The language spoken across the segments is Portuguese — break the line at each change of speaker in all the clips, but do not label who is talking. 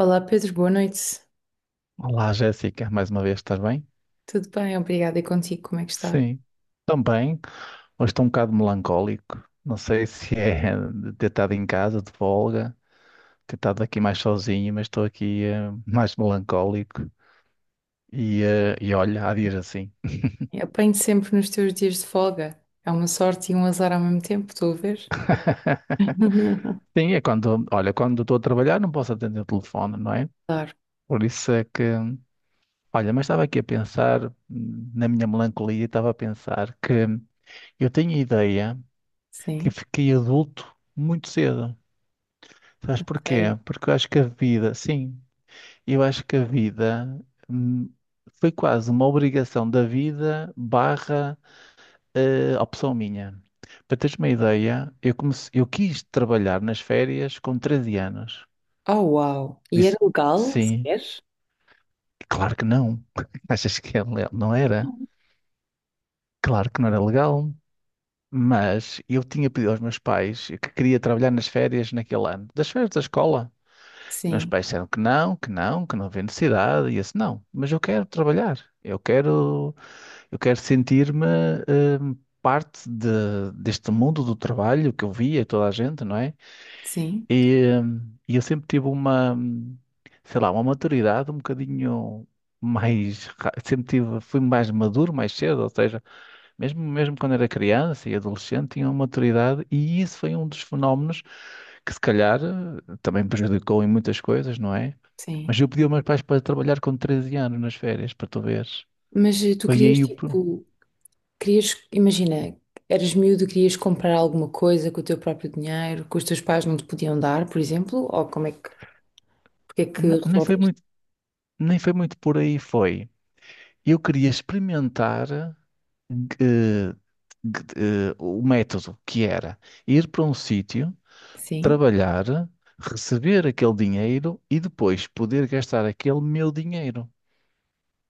Olá Pedro, boa noite.
Olá, Jéssica, mais uma vez, estás bem?
Tudo bem? Obrigada. E contigo, como é que está?
Sim, também. Hoje estou um bocado melancólico. Não sei se é de ter estado em casa, de folga, ter estado aqui mais sozinho, mas estou aqui mais melancólico. E olha, há dias assim.
Eu apanho sempre nos teus dias de folga. É uma sorte e um azar ao mesmo tempo, estou a ver?
Sim, é quando, olha, quando estou a trabalhar não posso atender o telefone, não é?
Claro,
Por isso é que, olha, mas estava aqui a pensar, na minha melancolia, estava a pensar que eu tenho a ideia que
sim.
fiquei adulto muito cedo. Sabes
A
porquê?
sério.
Porque eu acho que a vida, sim, eu acho que a vida hum, foi quase uma obrigação da vida barra opção minha. Para teres uma ideia, eu quis trabalhar nas férias com 13 anos.
Oh, uau. E era
Disse,
legal,
sim,
sequer?
claro que não. Achas que é legal? Não era?
Não.
Claro que não era legal. Mas eu tinha pedido aos meus pais que queria trabalhar nas férias naquele ano. Das férias da escola. Meus
Sim,
pais disseram que não, que não, que não havia necessidade, e eu disse, não, mas eu quero trabalhar, eu quero sentir-me hum, deste mundo do trabalho que eu via toda a gente, não é?
sim,
E eu sempre tive uma, sei lá, uma maturidade um bocadinho sempre tive, fui mais maduro mais cedo, ou seja, mesmo, mesmo quando era criança e adolescente, tinha uma maturidade, e isso foi um dos fenómenos que se calhar também prejudicou em muitas coisas, não é?
sim.
Mas eu pedi aos meus pais para trabalhar com 13 anos nas férias, para tu veres.
Mas tu
Foi
querias,
aí o... pro-
tipo, querias, imagina, eras miúdo, querias comprar alguma coisa com o teu próprio dinheiro, que os teus pais não te podiam dar, por exemplo? Ou como é que, porque é que
Nem foi
resolveste?
muito, nem foi muito por aí, foi. Eu queria experimentar o método que era ir para um sítio,
Sim.
trabalhar, receber aquele dinheiro e depois poder gastar aquele meu dinheiro.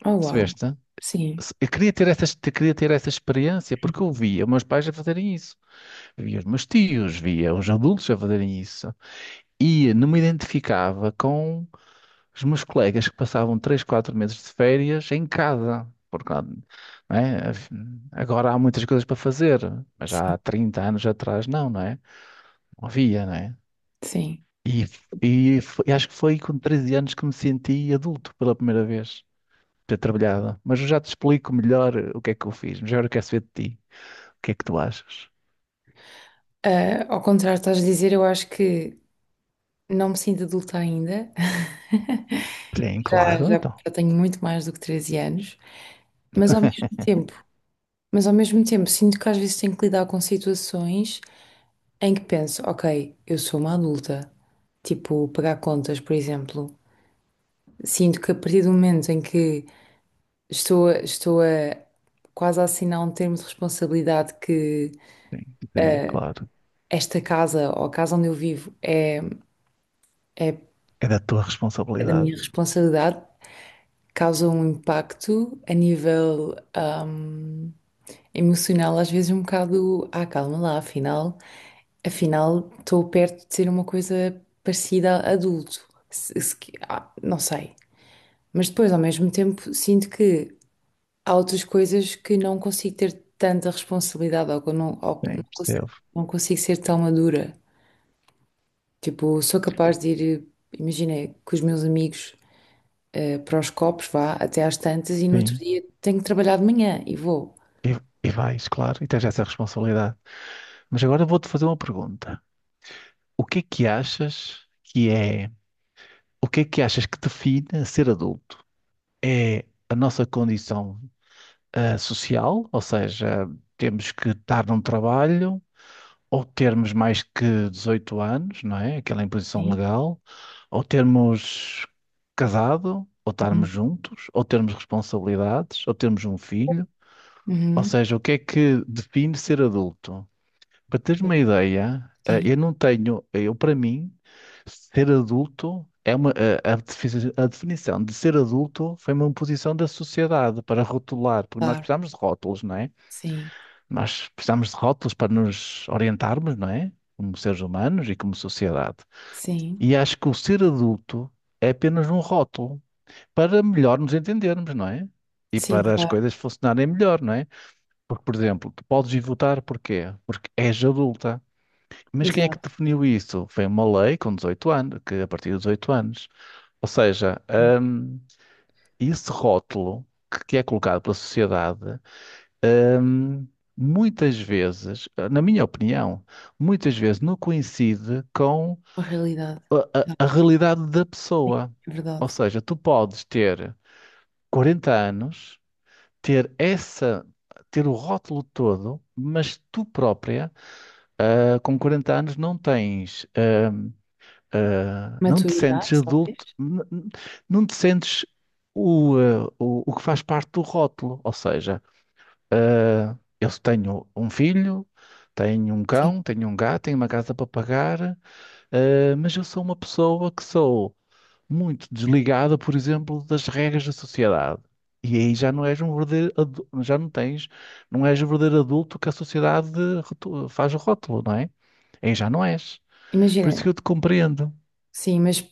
Oh, uau.
Percebeste?
Sim.
Eu queria ter essa, eu queria ter essa experiência porque eu via meus pais a fazerem isso, via os meus tios, via os adultos a fazerem isso. E não me identificava com os meus colegas que passavam 3 4 meses de férias em casa. Porque, lá, não é? Agora há muitas coisas para fazer, mas
Sim,
há 30 anos atrás não, não é? Não havia, não é?
sim.
E, Acho que foi com 13 anos que me senti adulto pela primeira vez, ter trabalhado. Mas eu já te explico melhor o que é que eu fiz, mas agora eu quero saber de ti. O que é que tu achas?
Ah, ao contrário, estás a dizer, eu acho que não me sinto adulta ainda.
Sim,
Já,
claro,
já,
então.
já tenho muito mais do que 13 anos, mas ao mesmo tempo, mas ao mesmo tempo sinto que às vezes tenho que lidar com situações em que penso, ok, eu sou uma adulta, tipo pagar contas, por exemplo. Sinto que a partir do momento em que estou a quase a assinar um termo de responsabilidade que
Sim, sim, claro.
esta casa ou a casa onde eu vivo é
É da tua
é da
responsabilidade.
minha responsabilidade, causa um impacto a nível emocional, às vezes um bocado, ah, calma lá, afinal, afinal estou perto de ser uma coisa parecida a adulto. Se- se que- Ah, não sei. Mas depois, ao mesmo tempo, sinto que há outras coisas que não consigo ter tanta responsabilidade ou que não
Sim,
consigo,
percebo.
não consigo ser tão madura. Tipo, sou capaz de ir, imagina, com os meus amigos. Para os copos, vá, até às tantas e no outro
Sim.
dia tenho que trabalhar de manhã e vou.
E, e vais, claro, e tens essa responsabilidade. Mas agora vou-te fazer uma pergunta. O que é que achas que é, o que é que achas que define ser adulto? É a nossa condição, social, ou seja, temos que estar num trabalho, ou termos mais que 18 anos, não é? Aquela imposição
Sim.
legal, ou termos casado, ou
Uhum.
estarmos juntos, ou termos responsabilidades, ou termos um filho. Ou
Uhum.
seja, o que é que define ser adulto? Para teres uma ideia, eh,
Sim.
eu não tenho, eh, eu para mim, ser adulto é uma, a definição de ser adulto foi uma imposição da sociedade para rotular, porque nós
Claro,
precisamos de rótulos, não é?
sim,
Nós precisamos de rótulos para nos orientarmos, não é? Como seres humanos e como sociedade.
sim,
E acho que o ser adulto é apenas um rótulo para melhor nos entendermos, não é? E
sim,
para as
claro,
coisas funcionarem melhor, não é? Porque, por exemplo, tu podes ir votar porquê? Porque és adulta. Mas quem é que
exato,
definiu isso? Foi uma lei com 18 anos, que a partir dos 18 anos. Ou seja,
sim.
hum, esse rótulo que é colocado pela sociedade, hum, muitas vezes, na minha opinião, muitas vezes não coincide com
A realidade,
a
exato,
realidade da
sim,
pessoa.
é
Ou
verdade.
seja, tu podes ter 40 anos, ter essa, ter o rótulo todo, mas tu própria, com 40 anos, não tens. Não te
Maturidade,
sentes
talvez.
adulto, não te sentes o que faz parte do rótulo. Ou seja, eu tenho um filho, tenho um
Sim.
cão, tenho um gato, tenho uma casa para pagar, mas eu sou uma pessoa que sou muito desligada, por exemplo, das regras da sociedade. E aí já não és um verdadeiro, já não tens, não és o verdadeiro adulto que a sociedade faz o rótulo, não é? Aí já não és. Por
Imagina,
isso que eu te compreendo.
sim, mas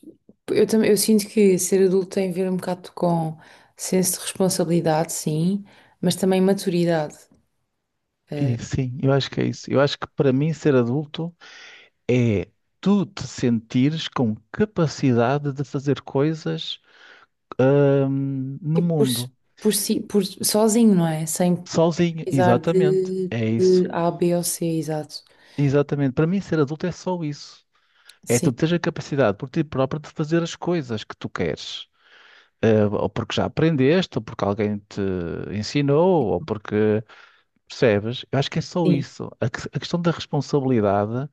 eu também eu sinto que ser adulto tem a ver um bocado com senso de responsabilidade, sim, mas também maturidade. eh,
E sim, eu acho que é isso. Eu acho que para mim ser adulto é tu te sentires com capacidade de fazer coisas, no
tipo,
mundo,
por si, por sozinho, não é? Sem,
sozinho.
precisar
Exatamente, é isso.
de A, B ou C, exato.
Exatamente. Para mim ser adulto é só isso. É
Sim,
tu teres a capacidade por ti próprio de fazer as coisas que tu queres. Ou porque já aprendeste, ou porque alguém te ensinou, ou porque percebes. Eu acho que é só
sim,
isso. A questão da responsabilidade.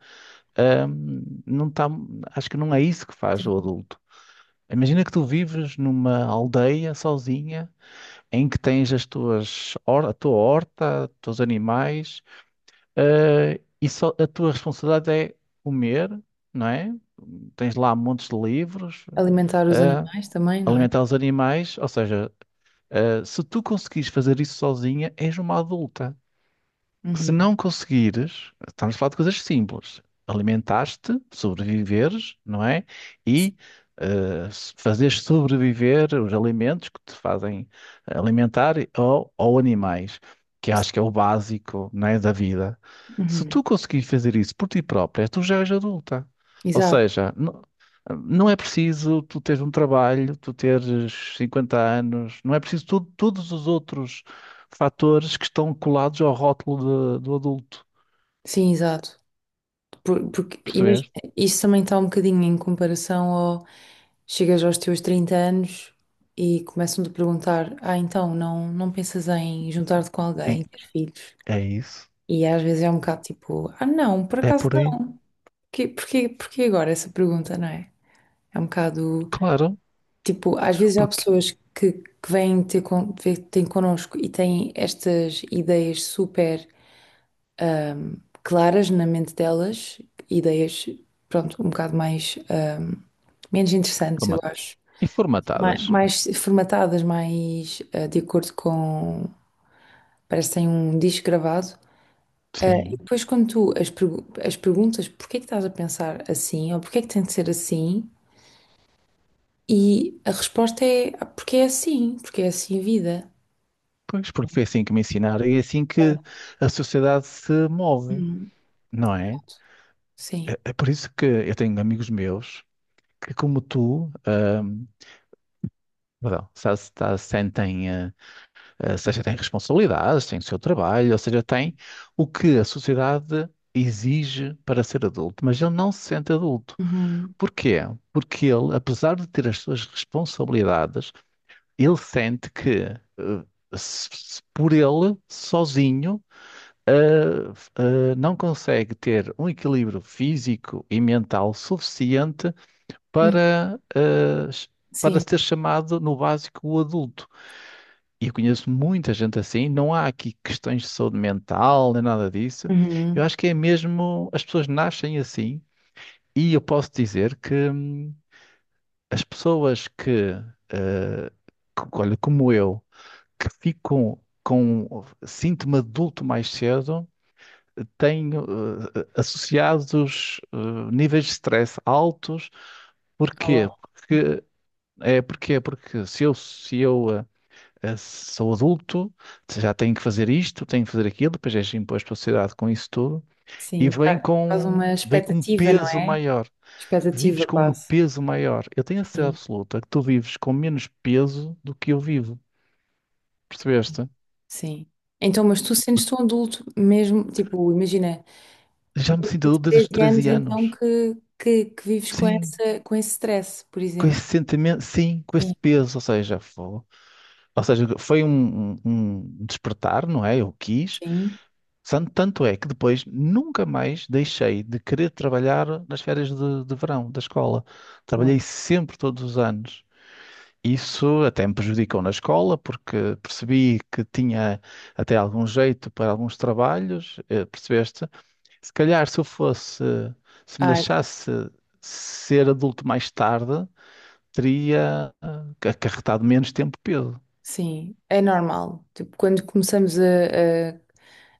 Ahm, não tá, acho que não é isso que faz
sim.
o adulto. Imagina que tu vives numa aldeia sozinha em que tens as tuas, a tua horta, os teus animais, e só, a tua responsabilidade é comer, não é? Tens lá montes de livros,
Alimentar os
ah,
animais também, não é?
alimentar os animais, ou seja, se tu conseguires fazer isso sozinha, és uma adulta. Se
Uhum.
não conseguires, estamos a falar de coisas simples. Alimentaste, sobreviveres, não é? E fazeres sobreviver os alimentos que te fazem alimentar ou animais, que acho que é o básico, não é, da vida. Se
Uhum.
tu conseguires fazer isso por ti própria, tu já és adulta. Ou
Exato,
seja, não é preciso tu teres um trabalho, tu teres 50 anos, não é preciso todos os outros fatores que estão colados ao rótulo do adulto.
sim, exato. Porque imagina,
Percebeste?
isso também está um bocadinho em comparação ao chegas aos teus 30 anos e começam-te a perguntar: ah, então não, não pensas em juntar-te com
É,
alguém, ter filhos?
é isso.
E às vezes é um bocado tipo: ah, não, por
É
acaso
por aí.
não, porquê, porquê, porquê agora essa pergunta, não é? É um bocado.
Claro.
Tipo, às vezes há
Porque,
pessoas que vêm ter, con ver- têm connosco e têm estas ideias super ahm, claras na mente delas, ideias, pronto, um bocado mais, menos interessantes,
forma-
eu acho.
e
Mais,
formatadas, né?
mais formatadas, mais ah, de acordo com. Parece que têm um disco gravado. Ah, e
Sim.
depois, quando as perguntas, porquê é que estás a pensar assim, ou porquê é que tem de ser assim, e a resposta é "Ah, porque é assim a vida."
Pois, porque foi assim que me ensinaram e é assim que a sociedade se move, não é?
Sim.
É, é por isso que eu tenho amigos meus que, como tu, perdão, sentem, seja têm responsabilidades, têm o seu trabalho, ou seja, têm o que a sociedade exige para ser adulto, mas ele não se sente adulto.
Uhum.
Porquê? Porque ele, apesar de ter as suas responsabilidades, ele sente que se, se por ele, sozinho, não consegue ter um equilíbrio físico e mental suficiente
Hum.
para, para
Sim.
ser chamado no básico o adulto. E eu conheço muita gente assim, não há aqui questões de saúde mental nem nada disso. Eu
Uhum.
acho que é mesmo, as pessoas nascem assim, e eu posso dizer que. As pessoas que, que, olha, como eu, que ficam com síntoma de adulto mais cedo, têm associados níveis de stress altos.
Oh,
Porquê?
wow.
Porque se eu, se eu sou adulto, já tenho que fazer isto, tenho que fazer aquilo, depois és imposto à sociedade com isso tudo, e
Sim. Quase uma
vem com um
expectativa, não
peso
é?
maior. Vives
Expectativa,
com um
quase.
peso maior. Eu tenho a certeza
Sim.
absoluta que tu vives com menos peso do que eu vivo. Percebeste?
Sim. Então, mas tu sentes-te um adulto mesmo, tipo, imagina,
Já me
desde
sinto
os
adulto desde os
13 anos
13
então
anos.
que vives com
Sim,
essa, com esse stress, por
com
exemplo.
esse sentimento, sim, com esse
Sim.
peso. Ou seja, ou seja, foi um, um despertar, não é? Eu quis.
Sim.
Tanto é que depois nunca mais deixei de querer trabalhar nas férias de verão da escola.
Uau.
Trabalhei sempre todos os anos. Isso até me prejudicou na escola, porque percebi que tinha até algum jeito para alguns trabalhos, percebeste? Se calhar se eu fosse, se me
Ah,
deixasse ser adulto mais tarde, teria acarretado menos tempo peso.
sim. É normal. Tipo, quando começamos a,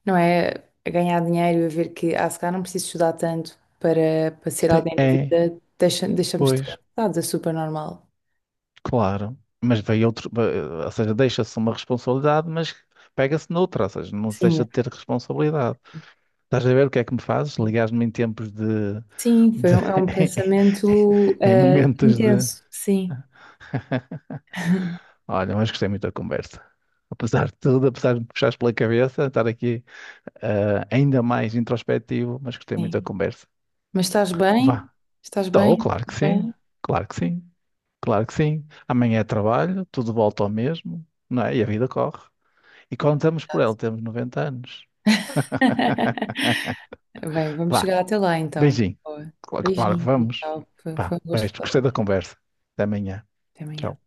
não é? A ganhar dinheiro, e a ver que, ah, se calhar não preciso estudar tanto para, para ser
Sim,
alguém na
É,
vida, deixa, deixamos de ganhar,
pois,
dados, é super normal.
claro. Mas veio outro, ou seja, deixa-se uma responsabilidade, mas pega-se noutra, ou seja, não se
Sim,
deixa
eu-
de ter responsabilidade. Estás a ver o que é que me fazes?
sim.
Ligares-me em tempos de
Sim, foi
de-
um, é um pensamento
em momentos de.
intenso, sim,
Olha, mas gostei muito da conversa. Apesar de tudo, apesar de me puxares pela cabeça, estar aqui ainda mais introspectivo, mas gostei muito
sim.
da conversa.
Mas estás bem?
Vá.
Estás
Estou,
bem?
claro que
Tudo
sim,
bem?
claro que sim, claro que sim. Amanhã é trabalho, tudo volta ao mesmo, não é? E a vida corre. E quando estamos por ela, temos 90 anos.
Bem, vamos
Vá,
chegar até lá então.
beijinho.
Boa.
Claro, que
Beijinho,
vamos.
tchau. Foi,
Vá,
foi um gosto
beijo.
falar
Gostei da
contigo.
conversa. Até amanhã.
Até amanhã.
Tchau.